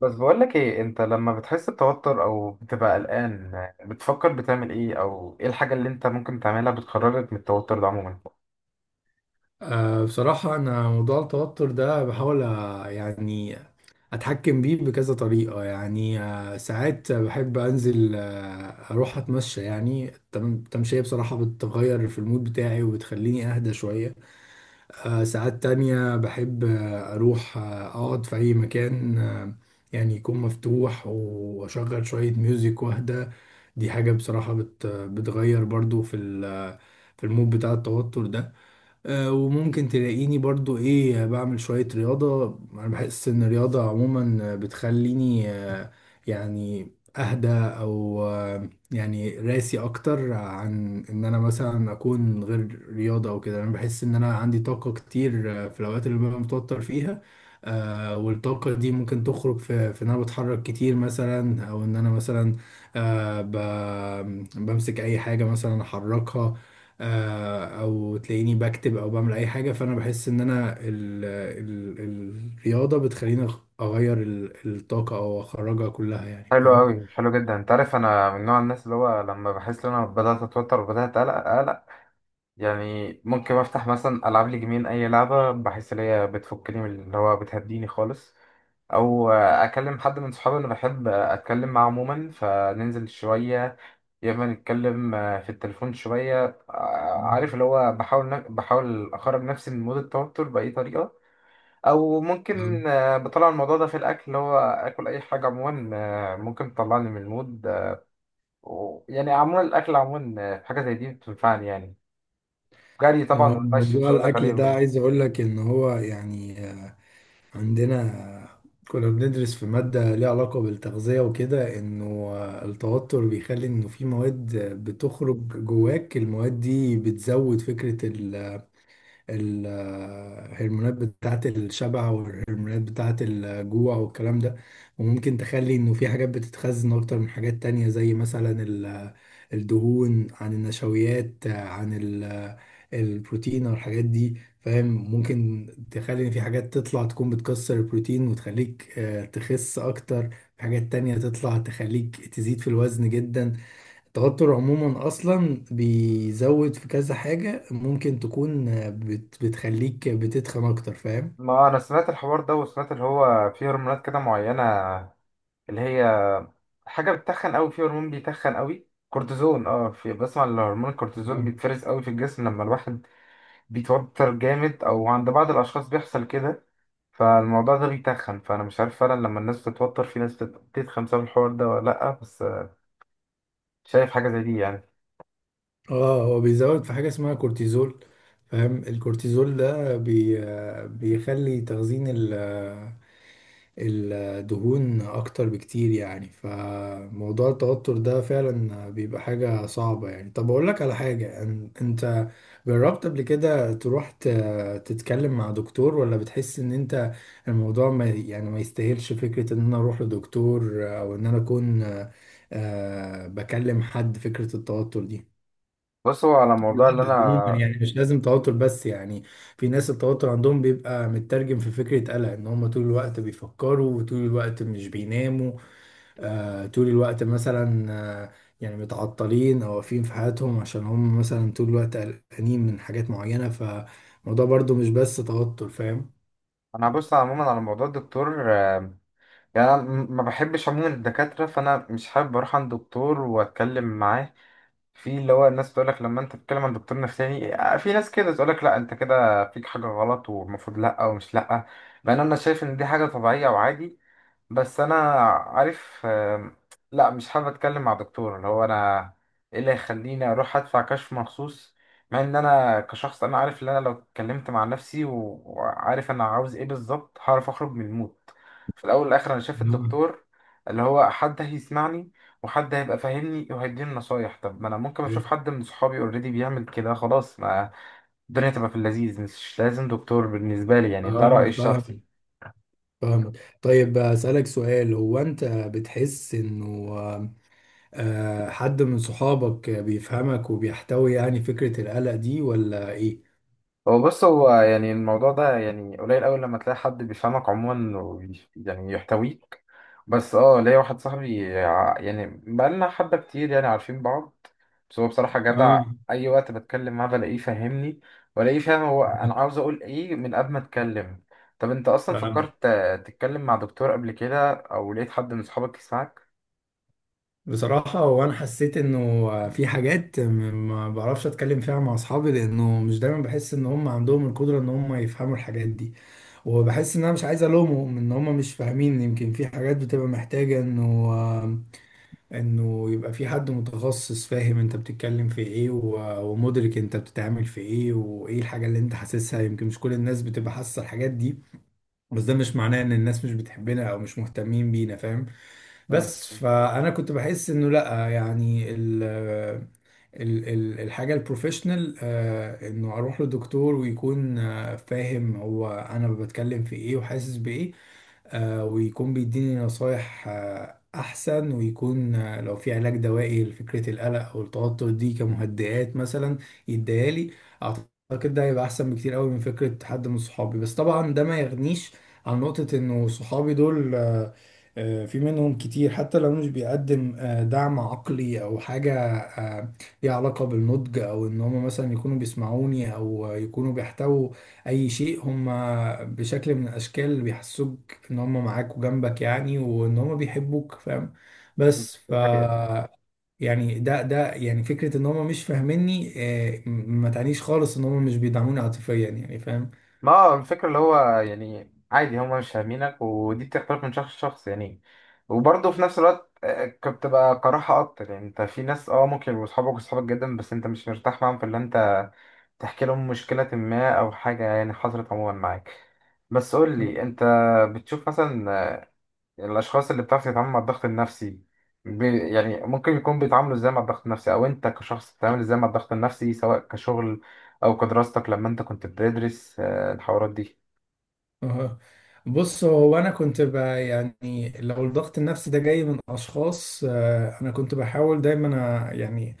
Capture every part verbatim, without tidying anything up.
بس بقولك ايه، انت لما بتحس بتوتر او بتبقى قلقان بتفكر بتعمل ايه او ايه الحاجة اللي انت ممكن تعملها بتخرجك من التوتر ده عموما؟ أه بصراحة أنا موضوع التوتر ده بحاول أ- يعني أتحكم بيه بكذا طريقة، يعني أه ساعات بحب أنزل، أه أروح أتمشى، يعني التم- التمشية بصراحة بتغير في المود بتاعي وبتخليني أهدى شوية. أه ساعات تانية بحب، آه، أروح، آه، أقعد في أي مكان أه يعني يكون مفتوح، وأشغل شوية ميوزك وأهدى. دي حاجة بصراحة بت بتغير برضو في ال- في المود بتاع التوتر ده. آه، وممكن تلاقيني برضو ايه بعمل شوية رياضة. انا بحس ان الرياضة عموما بتخليني، آه، يعني اهدى، او آه، يعني راسي اكتر، عن ان انا مثلا اكون غير رياضة او كده. انا بحس ان انا عندي طاقة كتير آه، في الاوقات اللي ببقى متوتر فيها. آه، والطاقة دي ممكن تخرج في, في ان انا بتحرك كتير مثلا، او ان انا مثلا آه، ب- بمسك اي حاجة مثلا احركها، آه، او تلاقيني بكتب او بعمل اي حاجه. فانا بحس ان انا ال ال ال الرياضه بتخليني أغ- اغير ال- الطاقه او اخرجها كلها، يعني حلو فاهم. قوي، حلو جدا. انت عارف انا من نوع الناس اللي هو لما بحس ان انا بدأت اتوتر وبدأت اقلق اقلق، يعني ممكن افتح مثلا العب لي جيمين اي لعبة بحس ان هي بتفكني، من اللي هو بتهديني خالص، او اكلم حد من صحابي اللي بحب اتكلم معاه عموما، فننزل شوية يا اما نتكلم آه، في التليفون شويه. آه، عارف اللي هو بحاول ن- بحاول اخرج نفسي من مود التوتر باي طريقه، او نعم. ممكن آه، بطلع الموضوع ده في الاكل، اللي هو اكل اي حاجه عموما آه، ممكن تطلعني من المود. آه، و- يعني عموما الاكل عموما آه، حاجه زي دي بتنفعني يعني. جري طبعا هو والمشي مش موضوع هقول لك الأكل عليهم ده يعني. عايز أقول لك إن هو يعني عندنا، كنا بندرس في ماده ليها علاقه بالتغذيه وكده. انه آه، التوتر بيخلي انه في مواد بتخرج جواك. المواد دي بتزود فكره الهرمونات بتاعة الشبع والهرمونات بتاعة الجوع والكلام ده. وممكن تخلي انه في حاجات بتتخزن اكتر من حاجات تانية، زي مثلا ال- الدهون عن النشويات عن ال- البروتين او الحاجات دي، فاهم. ممكن تخلي ان في حاجات تطلع تكون بتكسر البروتين وتخليك آه، تخس اكتر. في حاجات تانية تطلع تخليك تزيد في الوزن جدا. التوتر عموما اصلا بيزود في كذا حاجة ممكن تكون بت بتخليك بتتخن اكتر، فاهم. ما انا سمعت الحوار ده، وسمعت اللي هو في هرمونات كده معينه اللي هي حاجه بتتخن قوي، في هرمون بيتخن قوي، كورتيزون. اه في بسمع ان هرمون الكورتيزون آه. بيتفرز قوي في الجسم لما الواحد بيتوتر جامد، او عند بعض الاشخاص بيحصل كده، فالموضوع ده بيتخن. فانا مش عارف فعلا لما الناس بتتوتر في ناس بت- بتتخن بسبب الحوار ده ولا لا، بس شايف حاجه زي دي يعني. اه هو بيزود في حاجة اسمها كورتيزول، فاهم. الكورتيزول ده بي آه، بيخلي تخزين ال الدهون اكتر بكتير، يعني. فموضوع التوتر ده فعلا بيبقى حاجة صعبة، يعني. طب اقول لك على حاجة، أن- انت جربت قبل كده تروح ت- تتكلم مع دكتور، ولا بتحس ان انت الموضوع ما يعني ما يستاهلش فكرة ان انا اروح لدكتور، او ان انا اكون آه، بكلم حد فكرة التوتر دي. بص، هو على الموضوع اللي عموما انا، يعني مش لازم توتر، بس يعني في ناس التوتر عندهم بيبقى مترجم في فكرة قلق ان هم طول الوقت بيفكروا وطول الوقت مش بيناموا. آه طول الوقت مثلا، آه يعني متعطلين او واقفين في حياتهم عشان هم مثلا طول الوقت قلقانين من حاجات معينة. فالموضوع برضو مش بس توتر، فاهم؟ انا هبص عموما على موضوع الدكتور. آم، يعني انا م- ما بحبش عموما الدكاتره، فانا مش حابب اروح عند دكتور واتكلم معاه. في اللي هو الناس تقول لك لما انت بتتكلم عن دكتور نفساني آه، في ناس كده تقول لك لا انت كده فيك حاجه غلط والمفروض لا، ومش لا، بان انا شايف ان دي حاجه طبيعيه وعادي. بس انا عارف، آم، لا، مش حابب اتكلم مع دكتور. اللي هو انا ايه اللي يخليني اروح ادفع كشف مخصوص؟ مع ان انا كشخص انا عارف ان انا لو اتكلمت مع نفسي و- وعارف انا عاوز ايه بالظبط هعرف اخرج من المود. في الاول والاخر انا شايف آه. الدكتور اللي هو حد هيسمعني، وحد هيبقى فاهمني وهيديني نصايح. طب ما انا ممكن اشوف حد من صحابي اوريدي بيعمل كده خلاص، ما الدنيا تبقى في اللذيذ. مش لازم دكتور بالنسبة لي يعني، ده اه رأيي فاهم. الشخصي. فاهم. طيب اسالك سؤال، هو انت بتحس انه آه، حد من صحابك بيفهمك وبيحتوي يعني فكرة القلق دي، ولا ايه؟ هو بص، هو يعني الموضوع ده يعني قليل أوي لما تلاقي حد بيفهمك عموما وبي- يعني يحتويك، بس اه ليا واحد صاحبي، ع- يعني بقالنا حبة كتير يعني عارفين بعض، بس هو بصراحة جدع. اه أي وقت بتكلم معاه بلاقيه فاهمني، ولاقيه فاهم هو أنا عاوز أقول إيه من قبل ما أتكلم. طب أنت أصلا فاهم. فكرت آه، تتكلم مع دكتور قبل كده، أو لقيت حد من صحابك يسمعك؟ بصراحة وانا حسيت انه في حاجات م- ما بعرفش اتكلم فيها مع اصحابي، لانه مش دايما بحس ان هم عندهم القدرة ان هم يفهموا الحاجات دي. وبحس ان انا مش عايز الومهم ان هم مش فاهمين. يمكن في حاجات بتبقى محتاجة انه انه يبقى في حد متخصص فاهم انت بتتكلم في ايه و- ومدرك انت بتتعامل في ايه وايه الحاجة اللي انت حاسسها. يمكن مش كل الناس بتبقى حاسة الحاجات دي، بس ده مش معناه ان الناس مش بتحبنا او مش مهتمين بينا، فاهم. مم. بس فانا كنت بحس انه لا يعني ال ال ال الحاجه البروفيشنال، آه، انه اروح لدكتور ويكون آه، فاهم هو انا بتكلم في ايه وحاسس بايه، آه، ويكون بيديني نصايح آه، احسن، ويكون آه، لو في علاج دوائي لفكره القلق او التوتر دي، كمهدئات مثلا، يديها لي. اعتقد ده هيبقى احسن بكتير قوي من فكره حد من صحابي. بس طبعا ده ما يغنيش عن نقطه انه صحابي دول آه، آه، في منهم كتير، حتى لو مش بيقدم آه، دعم عقلي او حاجه آه، ليها علاقه بالنضج. او ان هم مثلا يكونوا بيسمعوني، او آه، يكونوا بيحتووا اي شيء. هم بشكل من الاشكال اللي بيحسوك ان هم معاك وجنبك، يعني وان هم بيحبوك، فاهم. دي بس ف حقيقة. يعني ده ده يعني فكره ان هم مش فاهميني آه، ما تعنيش خالص ان هم مش بيدعموني عاطفيا، يعني فاهم. ما هو الفكرة اللي هو يعني عادي هما مش فاهمينك، ودي بتختلف من شخص لشخص يعني. وبرضه في نفس الوقت آه، كنت بقى كراهة أكتر. يعني أنت في ناس أه ممكن يبقوا صحابك وصحابك جدا، بس أنت مش مرتاح معاهم في اللي أنت تحكي لهم مشكلة ما أو حاجة يعني حصلت عموما معاك. بس قول لي أنت، بتشوف مثلا آه، الأشخاص اللي بتعرف تتعامل مع الضغط النفسي بي يعني ممكن يكون بيتعاملوا إزاي مع الضغط النفسي، أو أنت كشخص بتتعامل إزاي مع الضغط النفسي سواء كشغل أو كدراستك لما أنت كنت بتدرس آه، الحوارات دي؟ أها. بص هو انا كنت ب- يعني لو الضغط النفسي ده جاي من اشخاص، آه، انا كنت بحاول دايما أ- يعني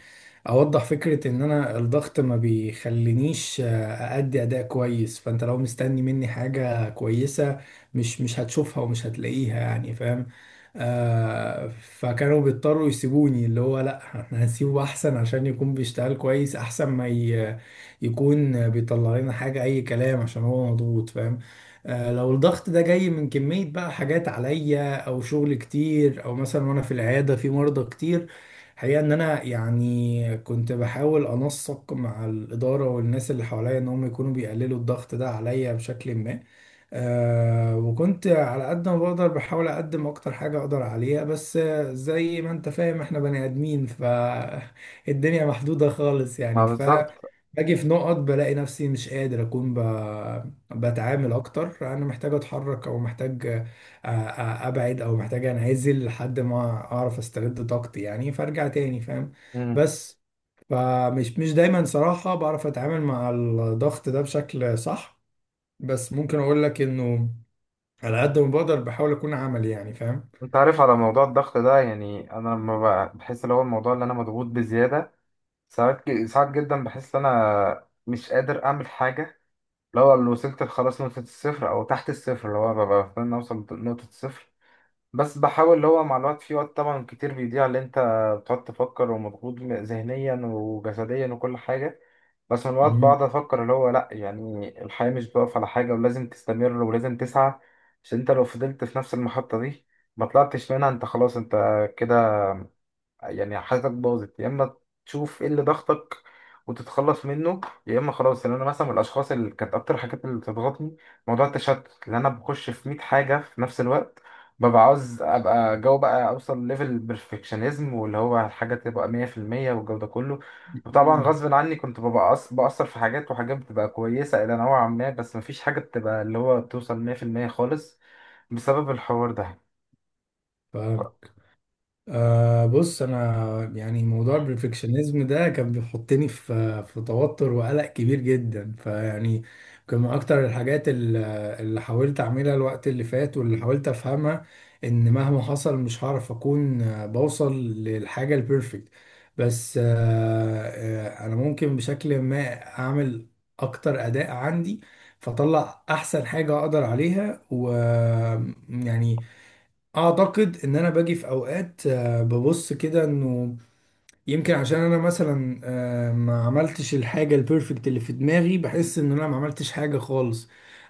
اوضح فكرة ان انا الضغط ما بيخلينيش آه، ادي اداء كويس. فانت لو مستني مني حاجة كويسة مش مش هتشوفها ومش هتلاقيها، يعني فاهم. آه فكانوا بيضطروا يسيبوني، اللي هو لا احنا هنسيبه احسن عشان يكون بيشتغل كويس، احسن ما ي- يكون بيطلع لنا حاجة اي كلام عشان هو مضغوط، فاهم. آه، لو الضغط ده جاي من كمية بقى حاجات عليا او شغل كتير، او مثلا وانا في العيادة في مرضى كتير، حقيقة ان انا يعني كنت بحاول انسق مع الادارة والناس اللي حواليا ان هم يكونوا بيقللوا الضغط ده عليا بشكل ما. آه وكنت على قد ما بقدر بحاول اقدم اكتر حاجة اقدر عليها، بس آه، زي ما انت فاهم احنا بني ادمين فالدنيا محدودة خالص، ما يعني. ف بالظبط. باجي في نقط بلاقي نفسي مش قادر اكون بتعامل اكتر. انا محتاج اتحرك او محتاج آه، آه، ابعد، او محتاج انعزل لحد ما اعرف استرد طاقتي، يعني فارجع تاني، فاهم. مم. بس فمش مش دايما صراحة بعرف اتعامل مع الضغط ده بشكل صح. بس ممكن اقول لك انه على قد ما بقدر بحاول اكون عملي، يعني فاهم. انت عارف على موضوع الضغط ده، يعني انا لما ب- بحس اللي هو الموضوع اللي انا مضغوط بزياده، ساعات ج- ساعات جدا بحس ان انا مش قادر اعمل حاجه. لو اللي وصلت خلاص نقطه الصفر او تحت الصفر، اللي هو ببقى بستنى اوصل لنقطه الصفر، بس بحاول اللي هو مع الوقت، في وقت طبعا كتير بيضيع اللي انت بتقعد تفكر ومضغوط ذهنيا وجسديا وكل حاجه، بس من الوقت مم. بقعد افكر اللي هو لا، يعني الحياة مش بتقف على حاجة، ولازم تستمر ولازم تسعى، عشان انت لو فضلت في نفس المحطة دي ما طلعتش منها انت خلاص انت كده، يعني حياتك باظت. يا اما تشوف ايه اللي ضغطك وتتخلص منه، يا اما خلاص. يعني انا مثلا من الاشخاص اللي كانت اكتر حاجات اللي بتضغطني موضوع التشتت، لان انا بخش في مئة حاجه في نفس الوقت، ببقى عاوز ابقى جو بقى اوصل ليفل بيرفكشنزم، واللي هو الحاجه تبقى مية في المية والجو ده كله. وطبعا غصب عني كنت ببقى أص- بأثر في حاجات، وحاجات بتبقى كويسة إلى نوعا ما، بس مفيش حاجة بتبقى اللي هو بتوصل مية في المية خالص بسبب الحوار ده. ف- مم. أه بص انا يعني موضوع البرفكشنزم ده كان بيحطني في في توتر وقلق كبير جدا. فيعني كان من اكتر الحاجات ال- اللي حاولت اعملها الوقت اللي فات، واللي حاولت افهمها، ان مهما حصل مش هعرف اكون آه، بوصل للحاجة البرفكت. بس أه آه، انا ممكن بشكل ما اعمل اكتر اداء عندي، فاطلع احسن حاجة اقدر عليها، ويعني اعتقد ان انا باجي في اوقات آه، ببص كده انه يمكن عشان انا مثلا آه، ما عملتش الحاجه البيرفكت اللي في دماغي بحس ان انا ما عملتش حاجه خالص.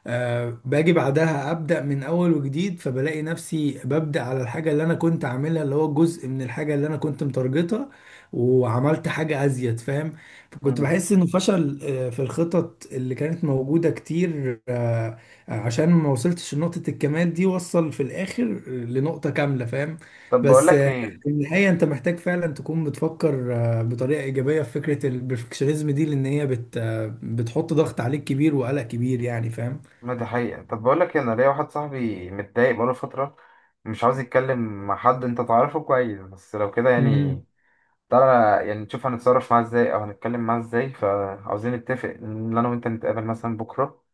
آه، باجي بعدها ابدا من اول وجديد، فبلاقي نفسي ببدا على الحاجه اللي انا كنت عاملها، اللي هو جزء من الحاجه اللي انا كنت متارجتها، وعملت حاجه ازيد، فاهم. فكنت مم. بحس انه فشل آه، في الخطط اللي كانت موجوده كتير آه، عشان ما وصلتش لنقطه الكمال دي، وصل في الاخر لنقطه كامله، فاهم. طب بقول بس لك في ايه، النهاية أنت محتاج فعلا تكون بتفكر آه، بطريقة إيجابية في فكرة البرفكشنزم دي، لأن هي بت آه، بتحط ضغط عليك كبير وقلق كبير، يعني فاهم؟ ما دي حقيقة. طب بقول لك إيه، انا ليا واحد صاحبي متضايق بقاله فترة، مش عاوز يتكلم مع حد. انت تعرفه كويس، بس لو كده امم يعني تعالى يعني نشوف هنتصرف معاه ازاي او هنتكلم معاه ازاي. فعاوزين نتفق ان انا وانت نتقابل مثلا بكرة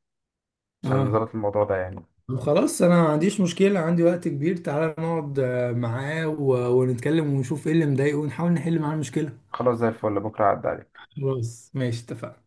عشان اه. نظبط الموضوع ده يعني. طب خلاص أنا ما عنديش مشكلة، عندي وقت كبير. تعالى نقعد آه، معاه و- ونتكلم ونشوف إيه اللي مضايقه، ونحاول نحل معاه المشكلة. خلاص زي الفل، بكرة عدى عليك. خلاص ماشي اتفقنا.